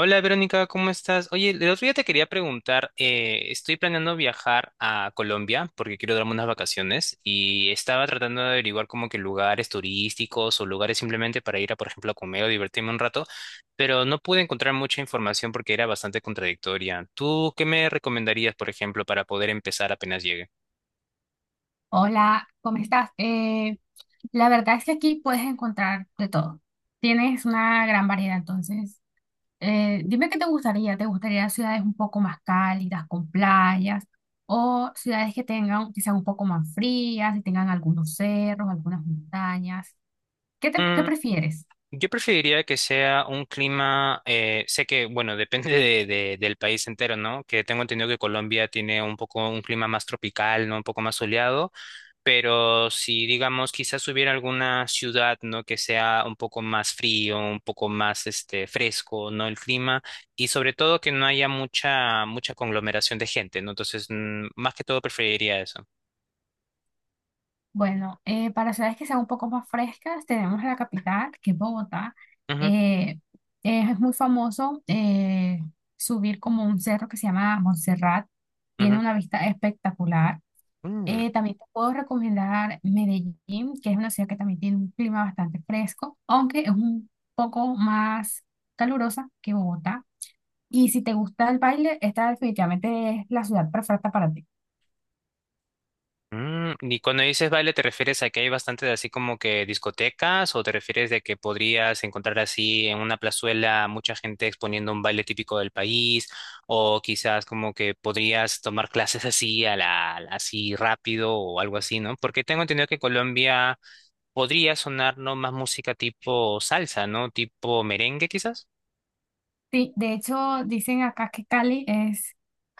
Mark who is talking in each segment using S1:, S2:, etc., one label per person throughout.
S1: Hola Verónica, ¿cómo estás? Oye, el otro día te quería preguntar, estoy planeando viajar a Colombia porque quiero darme unas vacaciones y estaba tratando de averiguar como que lugares turísticos o lugares simplemente para ir a, por ejemplo, a comer o divertirme un rato, pero no pude encontrar mucha información porque era bastante contradictoria. ¿Tú qué me recomendarías, por ejemplo, para poder empezar apenas llegue?
S2: Hola, ¿cómo estás? La verdad es que aquí puedes encontrar de todo. Tienes una gran variedad, entonces, dime qué te gustaría. ¿Te gustaría ciudades un poco más cálidas, con playas, o ciudades que tengan, que sean un poco más frías y tengan algunos cerros, algunas montañas? ¿Qué prefieres?
S1: Yo preferiría que sea un clima, sé que, bueno, depende del país entero, ¿no? Que tengo entendido que Colombia tiene un poco un clima más tropical, ¿no? Un poco más soleado, pero si, digamos, quizás si hubiera alguna ciudad, ¿no? Que sea un poco más frío, un poco más, este, fresco, ¿no? El clima y sobre todo que no haya mucha, mucha conglomeración de gente, ¿no? Entonces, más que todo preferiría eso.
S2: Bueno, para ciudades que sean un poco más frescas, tenemos la capital, que es Bogotá.
S1: Ujú,
S2: Eh, es muy famoso subir como un cerro que se llama Montserrat. Tiene
S1: ujú.
S2: una vista espectacular.
S1: Mm.
S2: También te puedo recomendar Medellín, que es una ciudad que también tiene un clima bastante fresco, aunque es un poco más calurosa que Bogotá. Y si te gusta el baile, esta definitivamente es la ciudad perfecta para ti.
S1: Mm, y cuando dices baile, ¿te refieres a que hay bastante de así como que discotecas o te refieres de que podrías encontrar así en una plazuela mucha gente exponiendo un baile típico del país o quizás como que podrías tomar clases así a la así rápido o algo así, ¿no? Porque tengo entendido que Colombia podría sonar no más música tipo salsa, ¿no? Tipo merengue quizás.
S2: Sí, de hecho, dicen acá que Cali es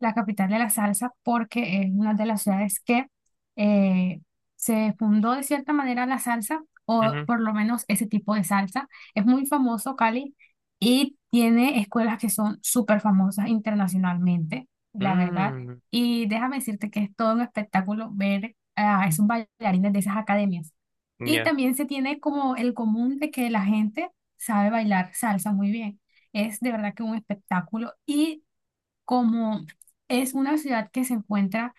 S2: la capital de la salsa porque es una de las ciudades que eh, se fundó de cierta manera la salsa, o
S1: Ujú.
S2: por lo menos ese tipo de salsa. Es muy famoso Cali y tiene escuelas que son súper famosas internacionalmente, la verdad.
S1: Mm,
S2: Y déjame decirte que es todo un espectáculo ver a esos bailarines de esas academias. Y
S1: ya,
S2: también se tiene como el común de que la gente sabe bailar salsa muy bien. Es de verdad que un espectáculo y como es una ciudad que se encuentra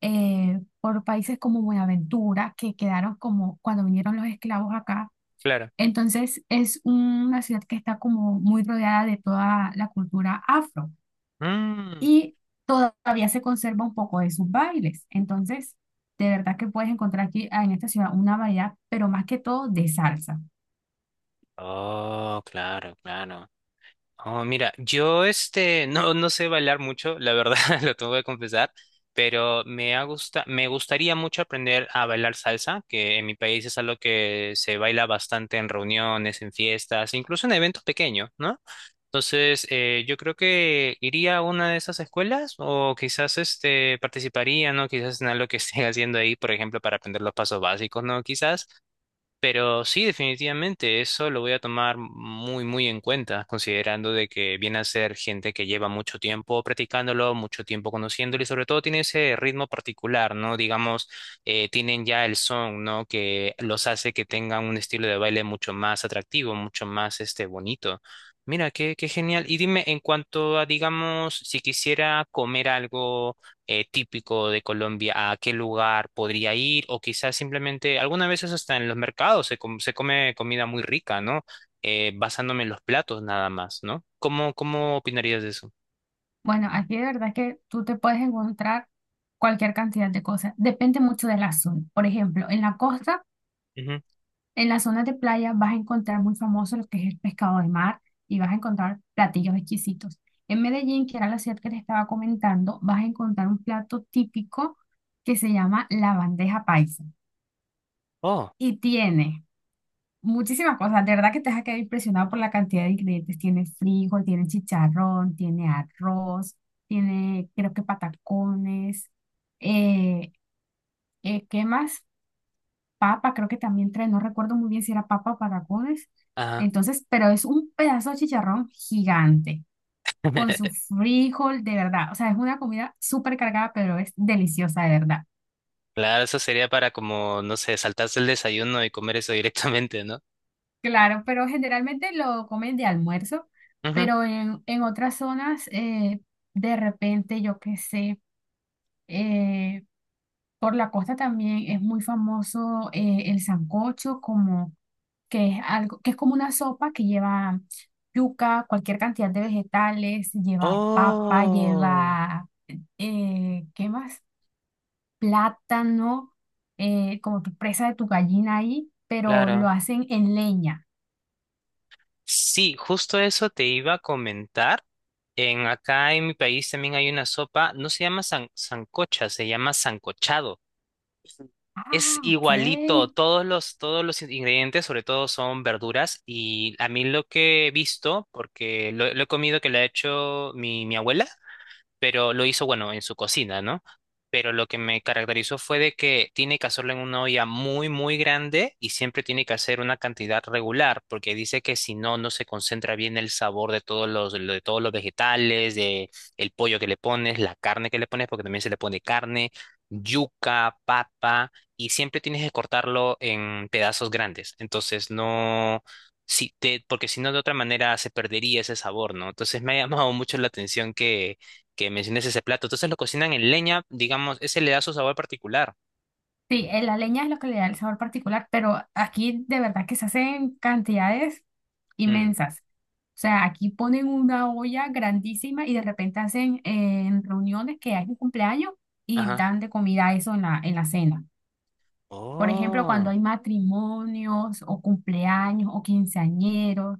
S2: por países como Buenaventura, que quedaron como cuando vinieron los esclavos acá,
S1: claro.
S2: entonces es una ciudad que está como muy rodeada de toda la cultura afro
S1: Mm.
S2: y todavía se conserva un poco de sus bailes. Entonces, de verdad que puedes encontrar aquí en esta ciudad una variedad, pero más que todo de salsa.
S1: Oh, claro, claro. Oh, mira, yo este no, no sé bailar mucho, la verdad, lo tengo que confesar, pero me ha gusta, me gustaría mucho aprender a bailar salsa, que en mi país es algo que se baila bastante en reuniones, en fiestas, incluso en eventos pequeños, ¿no? Entonces, yo creo que iría a una de esas escuelas o quizás este participaría, ¿no? Quizás en algo que esté haciendo ahí, por ejemplo, para aprender los pasos básicos, ¿no? Quizás. Pero sí, definitivamente, eso lo voy a tomar muy, muy en cuenta, considerando de que viene a ser gente que lleva mucho tiempo practicándolo, mucho tiempo conociéndolo y sobre todo tiene ese ritmo particular, ¿no? Digamos, tienen ya el son, ¿no? Que los hace que tengan un estilo de baile mucho más atractivo, mucho más, este, bonito. Mira, qué, qué genial. Y dime, en cuanto a, digamos, si quisiera comer algo típico de Colombia, a qué lugar podría ir, o quizás simplemente, algunas veces hasta en los mercados se come comida muy rica, ¿no? Basándome en los platos nada más, ¿no? ¿Cómo, cómo opinarías de eso?
S2: Bueno, aquí de verdad que tú te puedes encontrar cualquier cantidad de cosas. Depende mucho de la zona. Por ejemplo, en la costa.
S1: Ujú.
S2: En las zonas de playa vas a encontrar muy famoso lo que es el pescado de mar y vas a encontrar platillos exquisitos. En Medellín, que era la ciudad que les estaba comentando, vas a encontrar un plato típico que se llama la bandeja paisa
S1: Oh,
S2: y tiene muchísimas cosas. De verdad que te vas a quedar impresionado por la cantidad de ingredientes. Tiene frijol, tiene chicharrón, tiene arroz, tiene creo que patacones. Eh, ¿Qué más? Papa, creo que también trae, no recuerdo muy bien si era papa o patacones.
S1: ajá.
S2: Entonces, pero es un pedazo de chicharrón gigante, con su frijol, de verdad. O sea, es una comida súper cargada, pero es deliciosa, de verdad.
S1: Claro, eso sería para como, no sé, saltarse el desayuno y comer eso directamente, ¿no?
S2: Claro, pero generalmente lo comen de almuerzo,
S1: Ujú.
S2: pero en otras zonas, de repente, yo qué sé, eh, por la costa también es muy famoso el sancocho como que es algo, que es como una sopa que lleva yuca, cualquier cantidad de vegetales, lleva papa,
S1: Oh,
S2: lleva, ¿qué más? Plátano, como tu presa de tu gallina ahí, pero lo
S1: claro.
S2: hacen en leña.
S1: Sí, justo eso te iba a comentar. En acá en mi país también hay una sopa, no se llama sancocha, se llama sancochado. Es
S2: Ah,
S1: igualito,
S2: ok.
S1: todos los ingredientes, sobre todo son verduras, y a mí lo que he visto, porque lo he comido que le ha hecho mi abuela, pero lo hizo, bueno, en su cocina, ¿no? Pero lo que me caracterizó fue de que tiene que hacerlo en una olla muy, muy grande y siempre tiene que hacer una cantidad regular, porque dice que si no, no se concentra bien el sabor de todos los vegetales, de el pollo que le pones, la carne que le pones, porque también se le pone carne, yuca, papa, y siempre tienes que cortarlo en pedazos grandes. Entonces, no, si te, porque si no, de otra manera se perdería ese sabor, ¿no? Entonces, me ha llamado mucho la atención que menciones ese plato. Entonces lo cocinan en leña, digamos, ese le da su sabor particular.
S2: Sí, la leña es lo que le da el sabor particular, pero aquí de verdad que se hacen cantidades
S1: Mm,
S2: inmensas. O sea, aquí ponen una olla grandísima y de repente hacen en reuniones que hay un cumpleaños y
S1: ajá.
S2: dan de comida eso en en la cena. Por ejemplo, cuando
S1: Oh,
S2: hay matrimonios o cumpleaños o quinceañeros,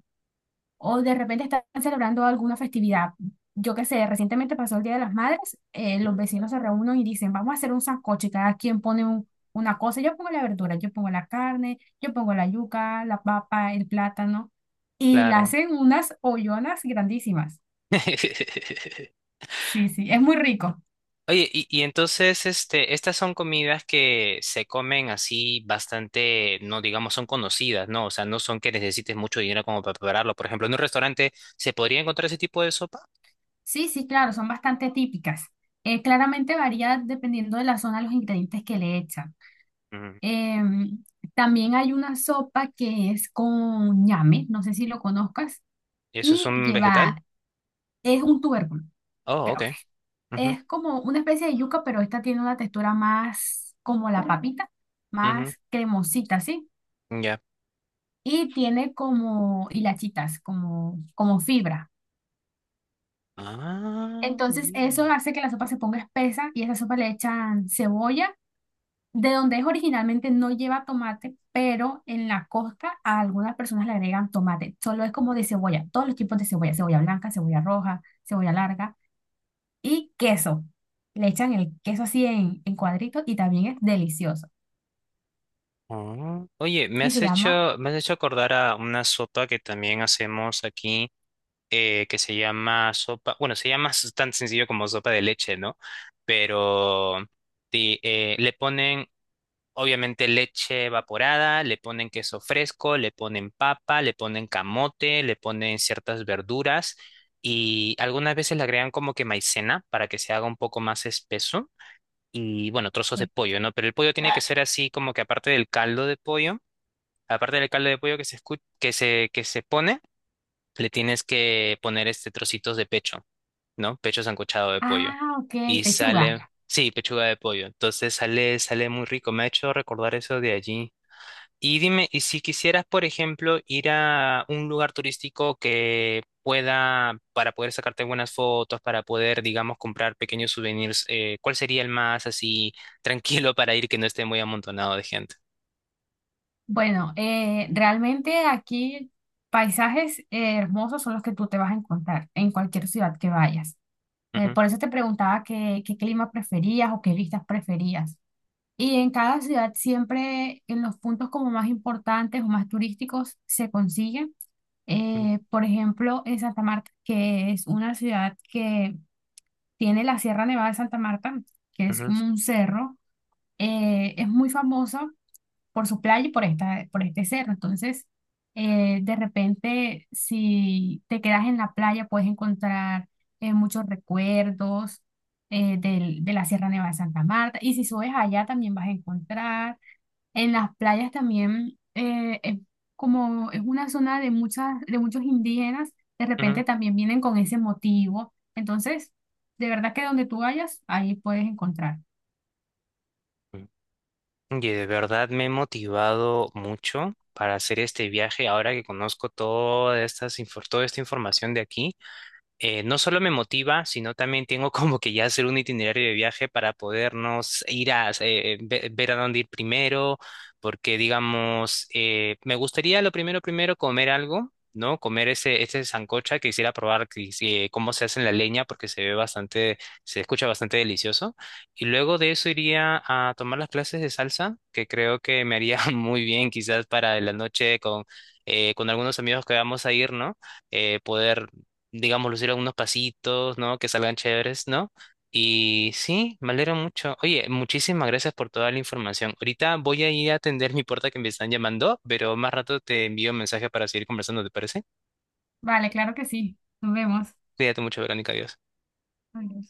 S2: o de repente están celebrando alguna festividad. Yo qué sé, recientemente pasó el Día de las Madres, los vecinos se reúnen y dicen, vamos a hacer un sancocho, y cada quien pone una cosa, yo pongo la verdura, yo pongo la carne, yo pongo la yuca, la papa, el plátano, y le
S1: claro.
S2: hacen unas ollonas grandísimas. Sí, sí, es muy rico.
S1: Oye, y entonces, este, estas son comidas que se comen así bastante, no digamos, son conocidas, ¿no? O sea, no son que necesites mucho dinero como para prepararlo. Por ejemplo, en un restaurante, ¿se podría encontrar ese tipo de sopa?
S2: Sí, sí, claro, son bastante típicas. Claramente varía dependiendo de la zona los ingredientes que le echan.
S1: Mm,
S2: Em, También hay una sopa que es con ñame, no sé si lo conozcas.
S1: ¿eso es
S2: Y
S1: un vegetal?
S2: lleva, es un tubérculo,
S1: Oh,
S2: creo que.
S1: ok. Ujú,
S2: Es como una especie de yuca, pero esta tiene una textura más como la papita,
S1: ujú,
S2: más cremosita, ¿sí?
S1: ya.
S2: Y tiene como hilachitas, como, como fibra.
S1: Ah,
S2: Entonces
S1: mira.
S2: eso hace que la sopa se ponga espesa y a esa sopa le echan cebolla, de donde es originalmente no lleva tomate, pero en la costa a algunas personas le agregan tomate. Solo es como de cebolla, todos los tipos de cebolla, cebolla blanca, cebolla roja, cebolla larga y queso. Le echan el queso así en cuadritos y también es delicioso.
S1: Ah, oye,
S2: Y se llama,
S1: me has hecho acordar a una sopa que también hacemos aquí, que se llama sopa, bueno, se llama tan sencillo como sopa de leche, ¿no? Pero le ponen, obviamente, leche evaporada, le ponen queso fresco, le ponen papa, le ponen camote, le ponen ciertas verduras y algunas veces le agregan como que maicena para que se haga un poco más espeso. Y bueno, trozos de
S2: Ok.
S1: pollo, ¿no? Pero el pollo tiene que ser así como que aparte del caldo de pollo que se escu- que se pone, le tienes que poner este trocitos de pecho, ¿no? Pecho sancochado de pollo.
S2: Ah, ok,
S1: Y
S2: pechuga.
S1: sale, sí, pechuga de pollo. Entonces sale, sale muy rico. Me ha hecho recordar eso de allí. Y dime, y si quisieras, por ejemplo, ir a un lugar turístico que pueda, para poder sacarte buenas fotos, para poder, digamos, comprar pequeños souvenirs, ¿cuál sería el más así tranquilo para ir que no esté muy amontonado de gente?
S2: Bueno, realmente aquí paisajes hermosos son los que tú te vas a encontrar en cualquier ciudad que vayas.
S1: Ujú,
S2: Por eso te preguntaba qué, qué clima preferías o qué vistas preferías. Y en cada ciudad siempre en los puntos como más importantes o más turísticos se consigue. Por ejemplo, en Santa Marta, que es una ciudad que tiene la Sierra Nevada de Santa Marta, que es como
S1: ujú,
S2: un cerro. Es muy famosa por su playa y por esta, por este cerro. Entonces, de repente, si te quedas en la playa, puedes encontrar muchos recuerdos de la Sierra Nevada de Santa Marta. Y si subes allá, también vas a encontrar en las playas también es como es una zona de muchas, de muchos indígenas, de
S1: ujú,
S2: repente también vienen con ese motivo. Entonces, de verdad que donde tú vayas, ahí puedes encontrar.
S1: ujú. Oye, de verdad me he motivado mucho para hacer este viaje ahora que conozco toda estas, toda esta información de aquí no solo me motiva, sino también tengo como que ya hacer un itinerario de viaje para podernos ir a ver a dónde ir primero, porque digamos, me gustaría lo primero, primero comer algo, ¿no? Comer ese, ese sancocha, que quisiera probar que si- cómo se hace en la leña, porque se ve bastante, se escucha bastante delicioso. Y luego de eso iría a tomar las clases de salsa, que creo que me haría muy bien quizás para la noche con algunos amigos que vamos a ir, ¿no? Poder digamos, lucir algunos pasitos, ¿no? Que salgan chéveres, ¿no? Y sí, me alegro mucho. Oye, muchísimas gracias por toda la información. Ahorita voy a ir a atender mi puerta que me están llamando, pero más rato te envío un mensaje para seguir conversando, ¿te parece?
S2: Vale, claro que sí. Nos vemos.
S1: Cuídate mucho, Verónica, adiós.
S2: Adiós.